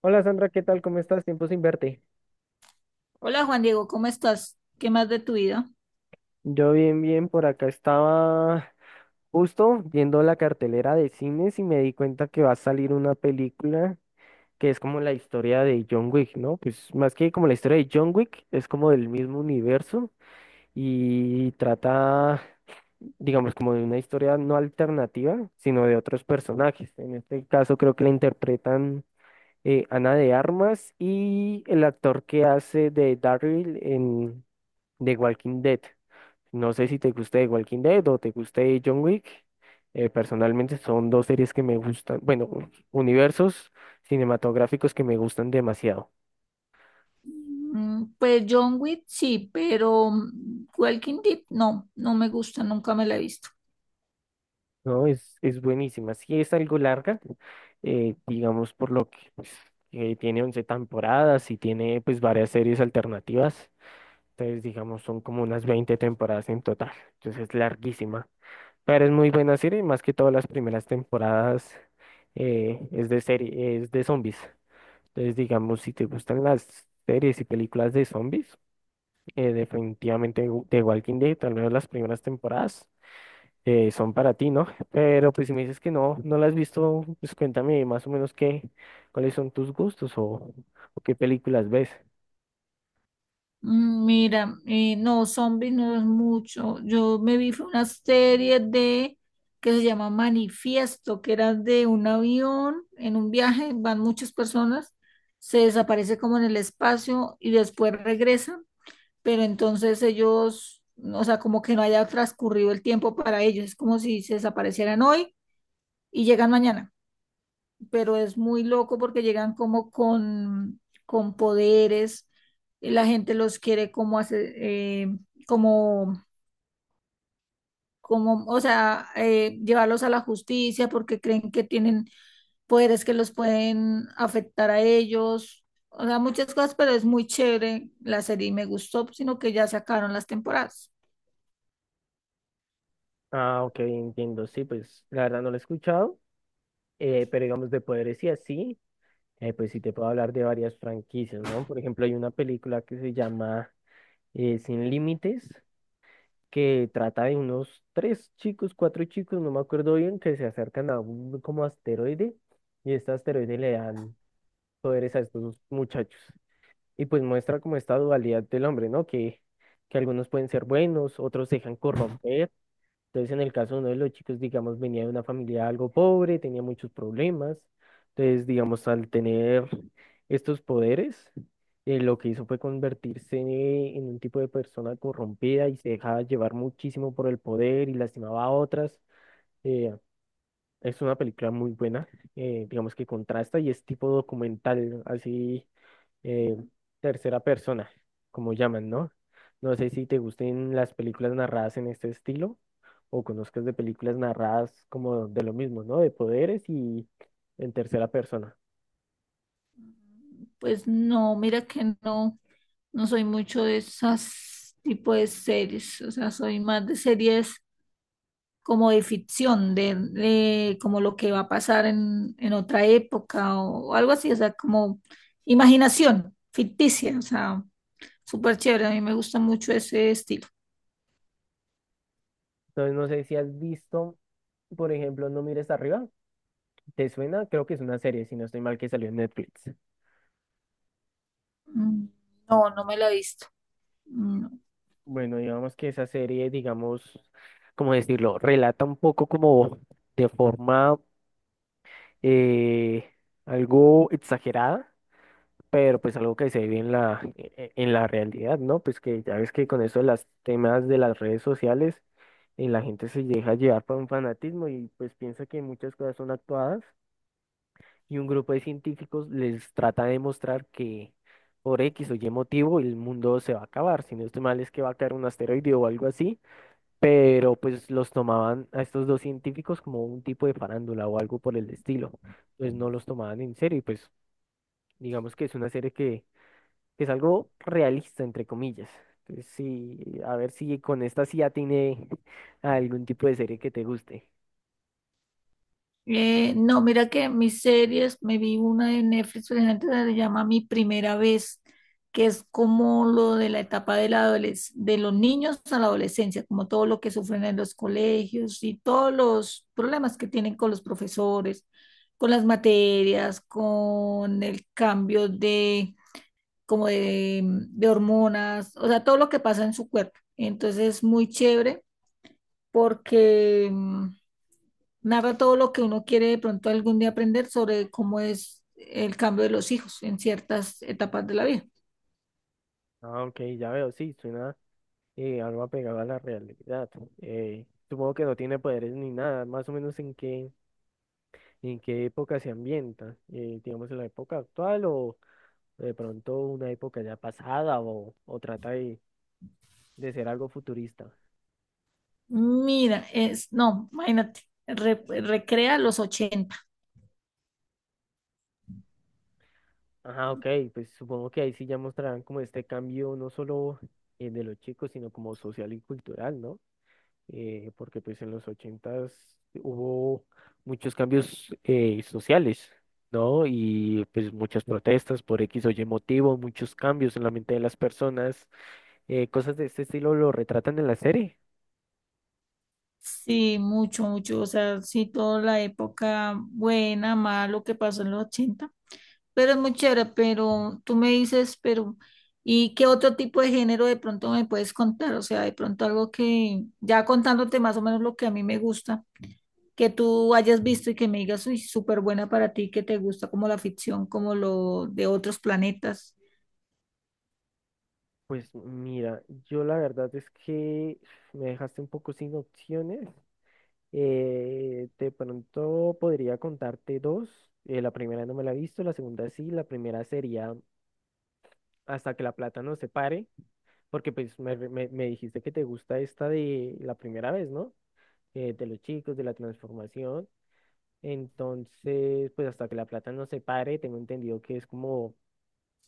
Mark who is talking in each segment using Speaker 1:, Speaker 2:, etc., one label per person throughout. Speaker 1: Hola Sandra, ¿qué tal? ¿Cómo estás? Tiempo sin verte.
Speaker 2: Hola Juan Diego, ¿cómo estás? ¿Qué más de tu vida?
Speaker 1: Yo bien, bien, por acá estaba justo viendo la cartelera de cines y me di cuenta que va a salir una película que es como la historia de John Wick, ¿no? Pues más que como la historia de John Wick, es como del mismo universo y trata, digamos, como de una historia no alternativa, sino de otros personajes. En este caso creo que la interpretan Ana de Armas y el actor que hace de Daryl en... de Walking Dead. No sé si te guste de Walking Dead o te guste John Wick. Personalmente son dos series que me gustan, bueno, universos cinematográficos que me gustan demasiado.
Speaker 2: Mm, pues John Wick sí, pero Walking Dead no, no me gusta, nunca me la he visto.
Speaker 1: ¿No? Es buenísima. Sí es algo larga, digamos por lo que pues, tiene 11 temporadas y tiene pues varias series alternativas. Entonces, digamos, son como unas 20 temporadas en total. Entonces es larguísima. Pero es muy buena serie, y más que todas las primeras temporadas es de serie, es de zombies. Entonces, digamos, si te gustan las series y películas de zombies, definitivamente The Walking Dead, tal vez las primeras temporadas son para ti, ¿no? Pero pues si me dices que no, no las has visto, pues cuéntame más o menos qué, cuáles son tus gustos o qué películas ves.
Speaker 2: Mm, mira, no, zombies no es mucho. Yo me vi fue una serie de que se llama Manifiesto, que era de un avión en un viaje, van muchas personas, se desaparece como en el espacio y después regresa, pero entonces ellos, o sea, como que no haya transcurrido el tiempo para ellos, es como si se desaparecieran hoy y llegan mañana, pero es muy loco porque llegan como con poderes. La gente los quiere como hacer, como, o sea, llevarlos a la justicia porque creen que tienen poderes que los pueden afectar a ellos. O sea, muchas cosas, pero es muy chévere la serie y me gustó, sino que ya sacaron las temporadas.
Speaker 1: Ah, ok, entiendo. Sí, pues la verdad no lo he escuchado, pero digamos de poderes y así. Pues sí, te puedo hablar de varias franquicias, ¿no? Por ejemplo, hay una película que se llama Sin Límites, que trata de unos tres chicos, cuatro chicos, no me acuerdo bien, que se acercan a un como asteroide y este asteroide le dan poderes a estos muchachos. Y pues muestra como esta dualidad del hombre, ¿no? Que algunos pueden ser buenos, otros se dejan corromper entonces, en el caso de uno de los chicos, digamos, venía de una familia algo pobre, tenía muchos problemas. Entonces, digamos, al tener estos poderes, lo que hizo fue convertirse en un tipo de persona corrompida y se dejaba llevar muchísimo por el poder y lastimaba a otras. Eh, es una película muy buena, digamos que contrasta y es tipo documental, así eh, tercera persona, como llaman, ¿no? No sé si te gusten las películas narradas en este estilo o conozcas de películas narradas como de lo mismo, ¿no? De poderes y en tercera persona.
Speaker 2: Pues no, mira que no, no soy mucho de esas tipo de series, o sea, soy más de series como de ficción, de como lo que va a pasar en otra época o algo así, o sea, como imaginación ficticia, o sea, súper chévere, a mí me gusta mucho ese estilo.
Speaker 1: Entonces, no sé si has visto, por ejemplo, No mires arriba. ¿Te suena? Creo que es una serie, si no estoy mal, que salió en Netflix.
Speaker 2: Mm, no, no me la he visto. Mm.
Speaker 1: Bueno, digamos que esa serie, digamos, ¿cómo decirlo? Relata un poco como de forma eh, algo exagerada pero pues algo que se vive en la, en la realidad, ¿no? Pues que ya ves que con eso de las temas de las redes sociales, la gente se deja llevar por un fanatismo y pues piensa que muchas cosas son actuadas y un grupo de científicos les trata de demostrar que por X o Y motivo el mundo se va a acabar, si no estoy mal es que va a caer un asteroide o algo así, pero pues los tomaban a estos dos científicos como un tipo de farándula o algo por el estilo, pues no los tomaban en serio y pues digamos que es una serie que es algo realista, entre comillas. Entonces, sí, a ver si con esta sí ya tiene algún tipo de serie que te guste.
Speaker 2: No, mira que mis series, me vi una de Netflix, por ejemplo, que se llama Mi Primera Vez, que es como lo de la etapa de, la de los niños a la adolescencia, como todo lo que sufren en los colegios y todos los problemas que tienen con los profesores, con las materias, con el cambio de, de hormonas, o sea, todo lo que pasa en su cuerpo. Entonces es muy chévere porque... mm, narra todo lo que uno quiere de pronto algún día aprender sobre cómo es el cambio de los hijos en ciertas etapas de la vida.
Speaker 1: Ah, ok, ya veo, sí, suena algo apegado a la realidad. Supongo que no tiene poderes ni nada, más o menos en qué época se ambienta, digamos en la época actual o de pronto una época ya pasada o trata de ser algo futurista.
Speaker 2: Mira, no, imagínate, recrea los 80.
Speaker 1: Ajá, ok, pues supongo que ahí sí ya mostrarán como este cambio no solo de los chicos, sino como social y cultural, ¿no? Porque pues en los 80s hubo muchos cambios sociales, ¿no? Y pues muchas protestas por X o Y motivo, muchos cambios en la mente de las personas, cosas de este estilo lo retratan en la serie.
Speaker 2: Sí, mucho, mucho, o sea, sí, toda la época buena, malo lo que pasó en los 80, pero es muy chévere. Pero tú me dices, pero ¿y qué otro tipo de género de pronto me puedes contar? O sea, de pronto algo que, ya contándote más o menos lo que a mí me gusta, que tú hayas visto y que me digas, uy, súper buena para ti, que te gusta como la ficción, como lo de otros planetas.
Speaker 1: Pues mira, yo la verdad es que me dejaste un poco sin opciones. De pronto podría contarte dos. La primera no me la he visto, la segunda sí. La primera sería Hasta que la plata nos separe, porque pues me dijiste que te gusta esta de la primera vez, ¿no? De los chicos, de la transformación. Entonces, pues hasta que la plata nos separe, tengo entendido que es como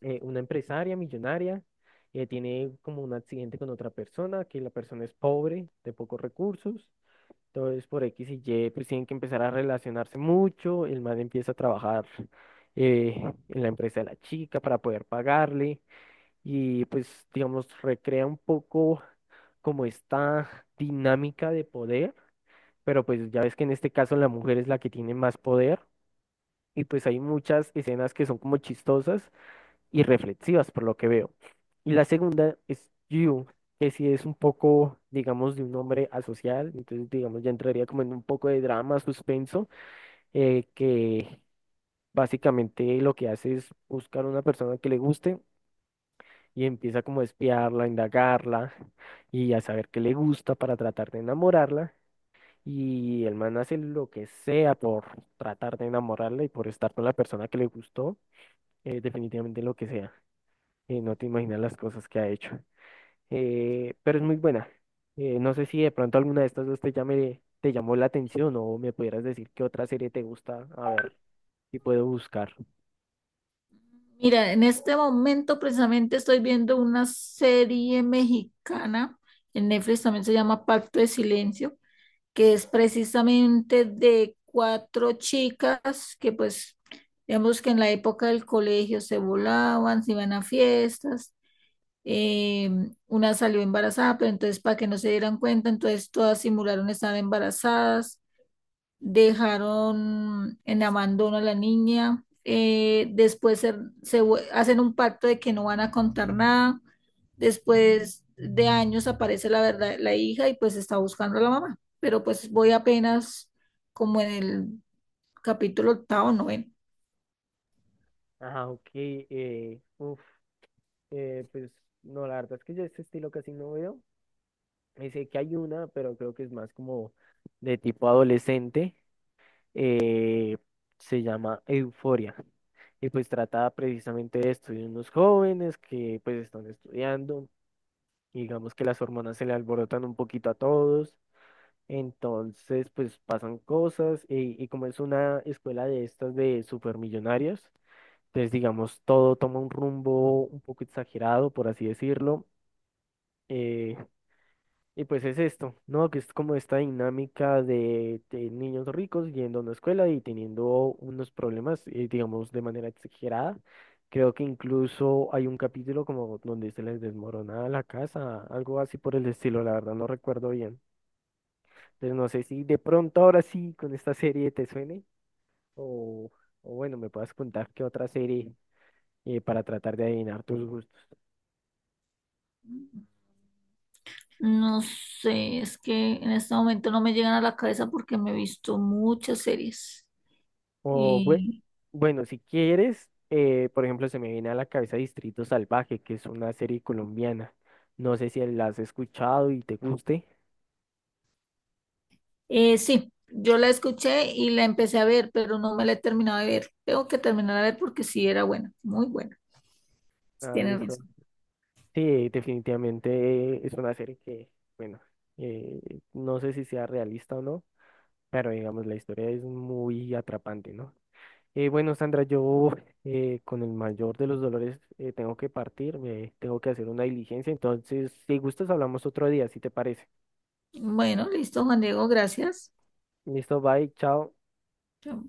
Speaker 1: una empresaria millonaria. Eh, tiene como un accidente con otra persona, que la persona es pobre, de pocos recursos. Entonces, por X y Y, pues tienen que empezar a relacionarse mucho. El man empieza a trabajar eh, en la empresa de la chica para poder pagarle. Y pues, digamos, recrea un poco como esta dinámica de poder. Pero pues ya ves que en este caso la mujer es la que tiene más poder. Y pues hay muchas escenas que son como chistosas y reflexivas, por lo que veo. Y la segunda es You, que si es un poco, digamos, de un hombre asocial, entonces, digamos, ya entraría como en un poco de drama, suspenso, que básicamente lo que hace es buscar una persona que le guste y empieza como a espiarla, a indagarla y a saber qué le gusta para tratar de enamorarla. Y el man hace lo que sea por tratar de enamorarla y por estar con la persona que le gustó, definitivamente lo que sea. No te imaginas las cosas que ha hecho. Pero es muy buena. No sé si de pronto alguna de estas dos te llame, te llamó la atención o me pudieras decir qué otra serie te gusta. A ver, si puedo buscar.
Speaker 2: Mira, en este momento precisamente estoy viendo una serie mexicana, en Netflix también, se llama Pacto de Silencio, que es precisamente de cuatro chicas que pues, digamos que en la época del colegio se volaban, se iban a fiestas, eh, una salió embarazada, pero entonces para que no se dieran cuenta, entonces todas simularon estar embarazadas, dejaron en abandono a la niña. Eh, hacen un pacto de que no van a contar nada. Después de años aparece la verdad, la hija, y pues está buscando a la mamá, pero pues voy apenas como en el capítulo octavo, noveno.
Speaker 1: Ajá, ok. Uf, pues no, la verdad es que yo este estilo casi no veo. Sé que hay una, pero creo que es más como de tipo adolescente. Eh, se llama Euforia. Y pues trata precisamente de esto, de unos jóvenes que pues están estudiando. Y digamos que las hormonas se le alborotan un poquito a todos, entonces pues pasan cosas y como es una escuela de estas de supermillonarios, entonces digamos todo toma un rumbo un poco exagerado, por así decirlo. Eh, y pues es esto, ¿no? Que es como esta dinámica de niños ricos yendo a una escuela y teniendo unos problemas, digamos, de manera exagerada. Creo que incluso hay un capítulo como donde se les desmorona la casa, algo así por el estilo, la verdad no recuerdo bien. Entonces no sé si de pronto ahora sí con esta serie te suene o, o bueno, me puedas contar qué otra serie para tratar de adivinar tus gustos.
Speaker 2: No sé, es que en este momento no me llegan a la cabeza porque me he visto muchas series.
Speaker 1: O bue-
Speaker 2: Y
Speaker 1: bueno, si quieres, por ejemplo, se me viene a la cabeza Distrito Salvaje, que es una serie colombiana. No sé si la has escuchado y te guste.
Speaker 2: sí, yo la escuché y la empecé a ver, pero no me la he terminado de ver. Tengo que terminar a ver porque sí era buena, muy buena. Sí,
Speaker 1: Ah, bien,
Speaker 2: tienes
Speaker 1: listo.
Speaker 2: razón.
Speaker 1: Sí, definitivamente es una serie que, bueno, eh, no sé si sea realista o no, pero digamos, la historia es muy atrapante, ¿no? Bueno, Sandra, yo con el mayor de los dolores tengo que partir, me tengo que hacer una diligencia, entonces, si gustas, hablamos otro día, si te parece.
Speaker 2: Bueno, listo, Juan Diego, gracias.
Speaker 1: Listo, bye, chao.
Speaker 2: Chao.